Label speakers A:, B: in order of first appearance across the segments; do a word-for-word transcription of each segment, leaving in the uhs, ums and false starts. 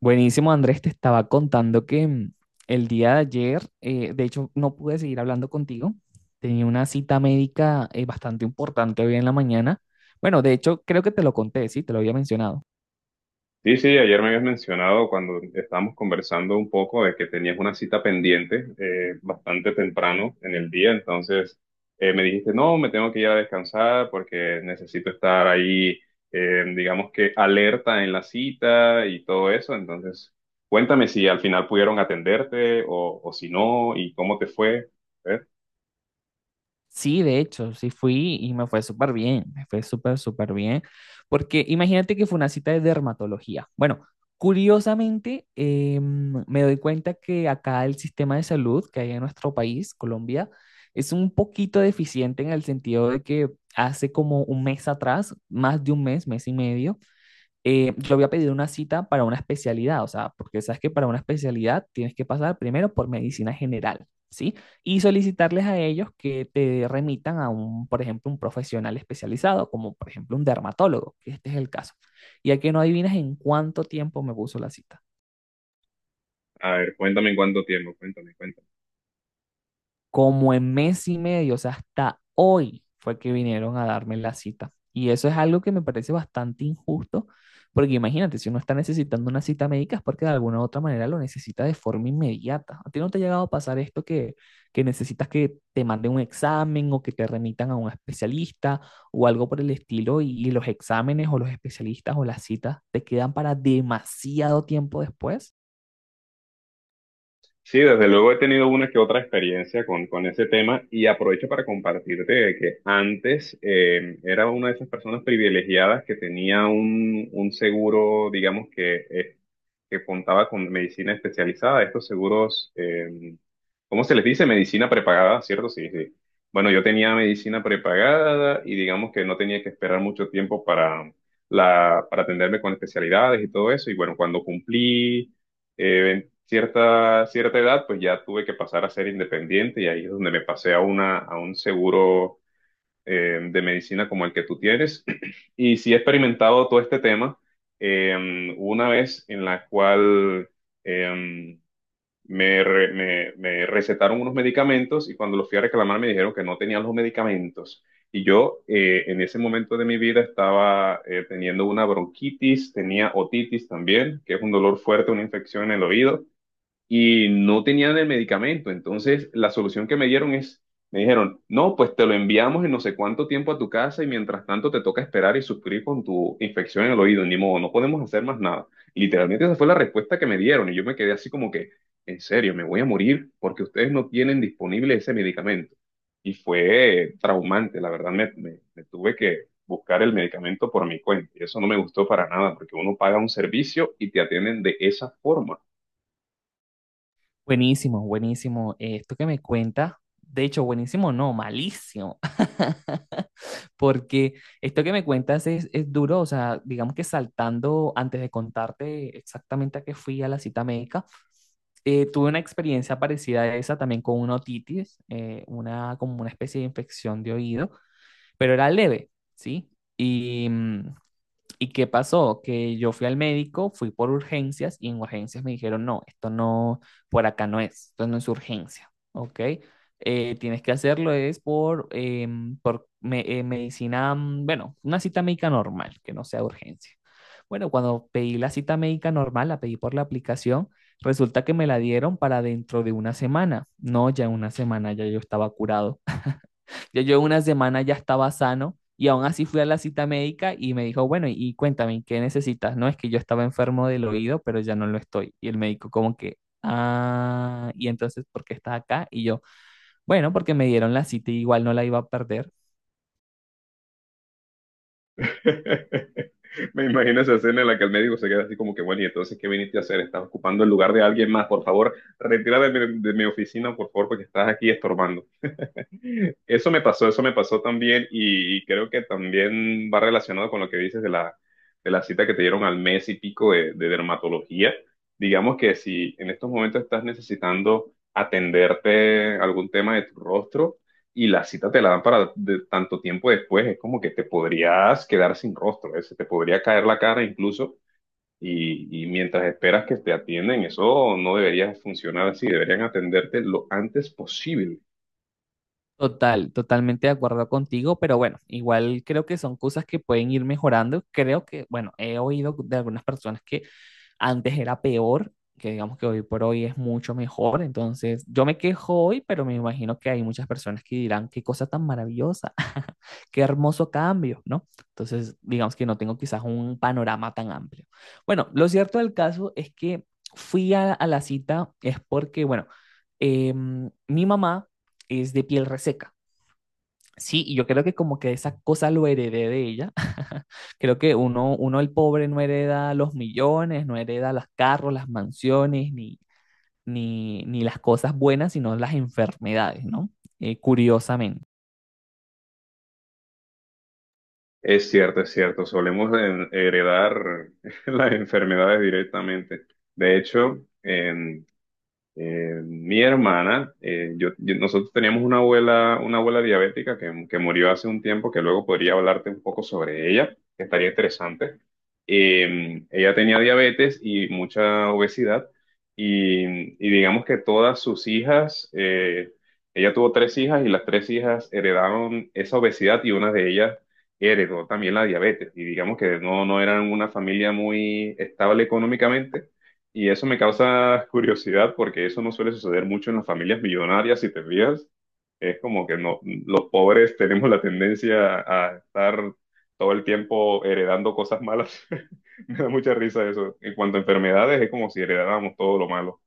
A: Buenísimo, Andrés, te estaba contando que mm, el día de ayer, eh, de hecho, no pude seguir hablando contigo. Tenía una cita médica eh, bastante importante hoy en la mañana. Bueno, de hecho, creo que te lo conté, sí, te lo había mencionado.
B: Sí, sí, ayer me habías mencionado cuando estábamos conversando un poco de que tenías una cita pendiente eh, bastante temprano en el día, entonces eh, me dijiste, no, me tengo que ir a descansar porque necesito estar ahí, eh, digamos que alerta en la cita y todo eso, entonces cuéntame si al final pudieron atenderte o, o si no y cómo te fue. A ver,
A: Sí, de hecho, sí fui y me fue súper bien, me fue súper, súper bien, porque imagínate que fue una cita de dermatología. Bueno, curiosamente, eh, me doy cuenta que acá el sistema de salud que hay en nuestro país, Colombia, es un poquito deficiente en el sentido de que hace como un mes atrás, más de un mes, mes y medio, eh, yo había pedido una cita para una especialidad, o sea, porque sabes que para una especialidad tienes que pasar primero por medicina general, ¿sí? Y solicitarles a ellos que te remitan a un, por ejemplo, un profesional especializado, como por ejemplo un dermatólogo, que este es el caso. Ya que no adivinas en cuánto tiempo me puso la cita.
B: a ver, cuéntame en cuánto tiempo, cuéntame, cuéntame.
A: Como en mes y medio, o sea, hasta hoy fue que vinieron a darme la cita. Y eso es algo que me parece bastante injusto, porque imagínate, si uno está necesitando una cita médica es porque de alguna u otra manera lo necesita de forma inmediata. ¿A ti no te ha llegado a pasar esto que, que necesitas que te manden un examen o que te remitan a un especialista o algo por el estilo y, y los exámenes o los especialistas o las citas te quedan para demasiado tiempo después?
B: Sí, desde luego he tenido una que otra experiencia con, con ese tema y aprovecho para compartirte de que antes eh, era una de esas personas privilegiadas que tenía un, un seguro, digamos que, eh, que contaba con medicina especializada, estos seguros, eh, ¿cómo se les dice? Medicina prepagada, ¿cierto? Sí, sí. Bueno, yo tenía medicina prepagada y digamos que no tenía que esperar mucho tiempo para, la, para atenderme con especialidades y todo eso y bueno, cuando cumplí... Eh, cierta, cierta edad, pues ya tuve que pasar a ser independiente y ahí es donde me pasé a una, a un seguro eh, de medicina como el que tú tienes. Y sí he experimentado todo este tema. Eh, una vez en la cual eh, me, re- me- me recetaron unos medicamentos y cuando los fui a reclamar me dijeron que no tenía los medicamentos. Y yo eh, en ese momento de mi vida estaba eh, teniendo una bronquitis, tenía otitis también, que es un dolor fuerte, una infección en el oído y no tenían el medicamento. Entonces, la solución que me dieron es, me dijeron, no, pues te lo enviamos en no sé cuánto tiempo a tu casa y mientras tanto te toca esperar y sufrir con tu infección en el oído. Ni modo, no podemos hacer más nada. Literalmente esa fue la respuesta que me dieron y yo me quedé así como que, en serio, me voy a morir porque ustedes no tienen disponible ese medicamento. Y fue traumante, la verdad, me, me- me tuve que buscar el medicamento por mi cuenta. Y eso no me gustó para nada, porque uno paga un servicio y te atienden de esa forma.
A: Buenísimo, buenísimo. Eh, esto que me cuentas, de hecho, buenísimo, no, malísimo, porque esto que me cuentas es, es duro, o sea, digamos que saltando antes de contarte exactamente a qué fui a la cita médica, eh, tuve una experiencia parecida a esa también con una otitis, eh, una, como una especie de infección de oído, pero era leve, ¿sí? Y mm, ¿y qué pasó? Que yo fui al médico, fui por urgencias y en urgencias me dijeron, no, esto no, por acá no es, esto no es urgencia, ¿ok? Eh, tienes que hacerlo es por, em, por me- eh, medicina, mm, bueno, una cita médica normal, que no sea urgencia. Bueno, cuando pedí la cita médica normal, la pedí por la aplicación, resulta que me la dieron para dentro de una semana. No, ya en una semana ya yo estaba curado. Ya yo una semana ya estaba sano y aún así fui a la cita médica y me dijo, bueno, y cuéntame, ¿qué necesitas? No, es que yo estaba enfermo del oído, pero ya no lo estoy. Y el médico como que, ah, y entonces, ¿por qué estás acá? Y yo, bueno, porque me dieron la cita y igual no la iba a perder.
B: Me imagino esa escena en la que el médico se queda así como que, bueno, y entonces, ¿qué viniste a hacer? Estás ocupando el lugar de alguien más, por favor, retírate de mi, de mi oficina, por favor, porque estás aquí estorbando. Eso me pasó, eso me pasó también y, y creo que también va relacionado con lo que dices de la, de la cita que te dieron al mes y pico de, de dermatología. Digamos que si en estos momentos estás necesitando atenderte algún tema de tu rostro y la cita te la dan para de- tanto tiempo después, es como que te podrías quedar sin rostro, ¿eh? Se te podría caer la cara incluso y, y mientras esperas que te atienden, eso no debería funcionar así, deberían atenderte lo antes posible.
A: Total, totalmente de acuerdo contigo, pero bueno, igual creo que son cosas que pueden ir mejorando. Creo que, bueno, he oído de algunas personas que antes era peor, que digamos que hoy por hoy es mucho mejor. Entonces, yo me quejo hoy, pero me imagino que hay muchas personas que dirán, qué cosa tan maravillosa, qué hermoso cambio, ¿no? Entonces, digamos que no tengo quizás un panorama tan amplio. Bueno, lo cierto del caso es que fui a, a la cita es porque, bueno, em, mi mamá es de piel reseca. Sí, y yo creo que como que esa cosa lo heredé de ella. Creo que uno, uno el pobre no hereda los millones, no hereda los carros, las mansiones, ni, ni, ni las cosas buenas, sino las enfermedades, ¿no? Eh, curiosamente.
B: Es cierto, es cierto. Solemos en- heredar las enfermedades directamente. De hecho, en- eh, mi hermana, eh, yo, yo- nosotros teníamos una abuela, una abuela diabética que, que murió hace un tiempo, que luego podría hablarte un poco sobre ella, que estaría interesante. Eh, ella tenía diabetes y mucha obesidad y, y digamos que todas sus hijas, eh, ella tuvo tres hijas y las tres hijas heredaron esa obesidad y una de ellas heredó también la diabetes y digamos que no, no eran una familia muy estable económicamente y eso me causa curiosidad porque eso no suele suceder mucho en las familias millonarias, si te fijas. Es como que no, los pobres tenemos la tendencia a estar todo el tiempo heredando cosas malas. Me da mucha risa eso. En cuanto a enfermedades, es como si heredáramos todo lo malo.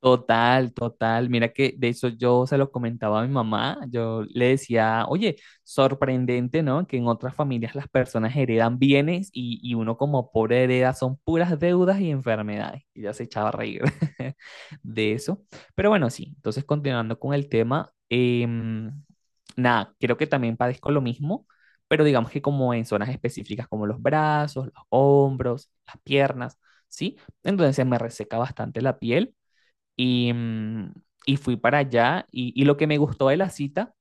A: Total, total. Mira que de eso yo se lo comentaba a mi mamá. Yo le decía, oye, sorprendente, ¿no? Que en otras familias las personas heredan bienes y, y uno como pobre hereda son puras deudas y enfermedades. Y ya se echaba a reír de eso. Pero bueno, sí. Entonces, continuando con el tema, em, nada, creo que también padezco lo mismo, pero digamos que como en zonas específicas como los brazos, los hombros, las piernas, ¿sí? Entonces se me reseca bastante la piel. Y, mm, y fui para allá y, y lo que me gustó de la cita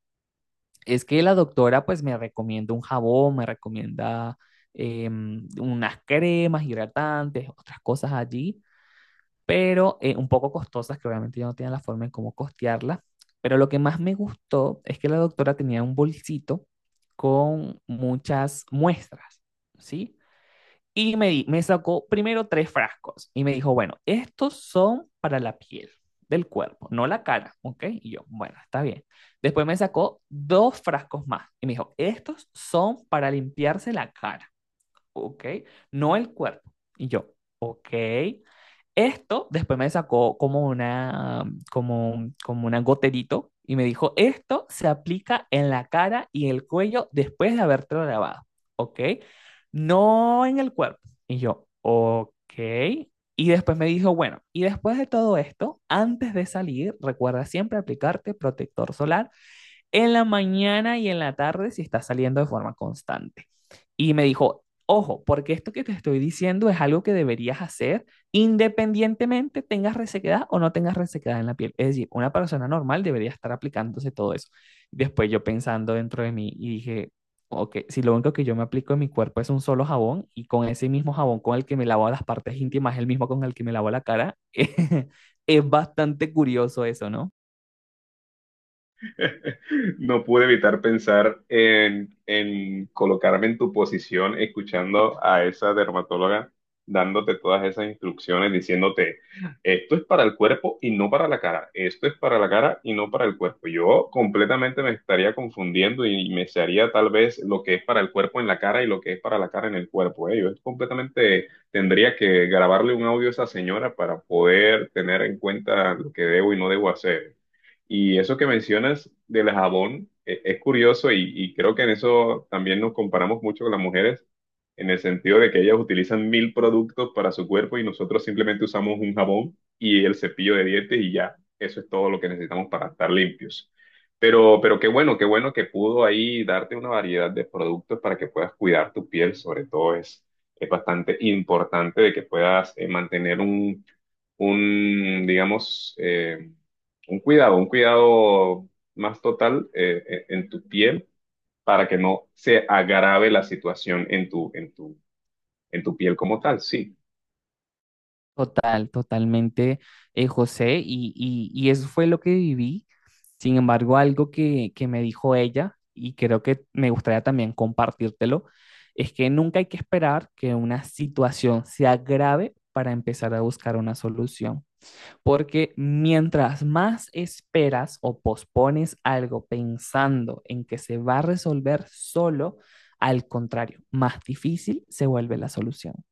A: es que la doctora pues me recomienda un jabón, me recomienda em, unas cremas hidratantes, otras cosas allí, pero eh, un poco costosas que obviamente yo no tenía la forma en cómo costearlas. Pero lo que más me gustó es que la doctora tenía un bolsito con muchas muestras, ¿sí? Y me, di- me sacó primero tres frascos y me dijo, bueno, estos son para la piel del cuerpo, no la cara, ¿ok? Y yo, bueno, está bien. Después me sacó dos frascos más y me dijo, estos son para limpiarse la cara, ok, no el cuerpo. Y yo, ok. Esto después me sacó como una, como, un- como una goterito y me dijo, esto se aplica en la cara y el cuello después de haberte lavado, ¿ok? No en el cuerpo. Y yo, ok. Y después me dijo, bueno, y después de todo esto, antes de salir, recuerda siempre aplicarte protector solar en la mañana y en la tarde si está saliendo de forma constante. Y me dijo, ojo, porque esto que te estoy diciendo es algo que deberías hacer independientemente tengas resequedad o no tengas resequedad en la piel. Es decir, una persona normal debería estar aplicándose todo eso. Después yo pensando dentro de mí y dije, ok, si lo único que yo me aplico en mi cuerpo es un solo jabón y con ese mismo jabón con el que me lavo las partes íntimas, el mismo con el que me lavo la cara, es bastante curioso eso, ¿no?
B: No pude evitar pensar en, en colocarme en tu posición escuchando a esa dermatóloga dándote todas esas instrucciones, diciéndote, esto es para el cuerpo y no para la cara, esto es para la cara y no para el cuerpo. Yo completamente me estaría confundiendo y me sería tal vez lo que es para el cuerpo en la cara y lo que es para la cara en el cuerpo. ¿Eh? Yo completamente tendría que grabarle un audio a esa señora para poder tener en cuenta lo que debo y no debo hacer. Y eso que mencionas del jabón eh, es curioso y, y creo que en eso también nos comparamos mucho con las mujeres, en el sentido de que ellas utilizan mil productos para su cuerpo y nosotros simplemente usamos un jabón y el cepillo de dientes y ya, eso es todo lo que necesitamos para estar limpios. Pero, pero qué bueno, qué bueno que pudo ahí darte una variedad de productos para que puedas cuidar tu piel, sobre todo es, es bastante importante de que puedas eh, mantener un, un, digamos, eh, un cuidado, un cuidado más total eh, eh, en tu piel para que no se agrave la situación en tu, en tu, en tu piel como tal, sí.
A: Total, totalmente, eh, José, y, y- y eso fue lo que viví. Sin embargo, algo que, que me dijo ella, y creo que me gustaría también compartírtelo, es que nunca hay que esperar que una situación se agrave para empezar a buscar una solución. Porque mientras más esperas o pospones algo pensando en que se va a resolver solo, al contrario, más difícil se vuelve la solución.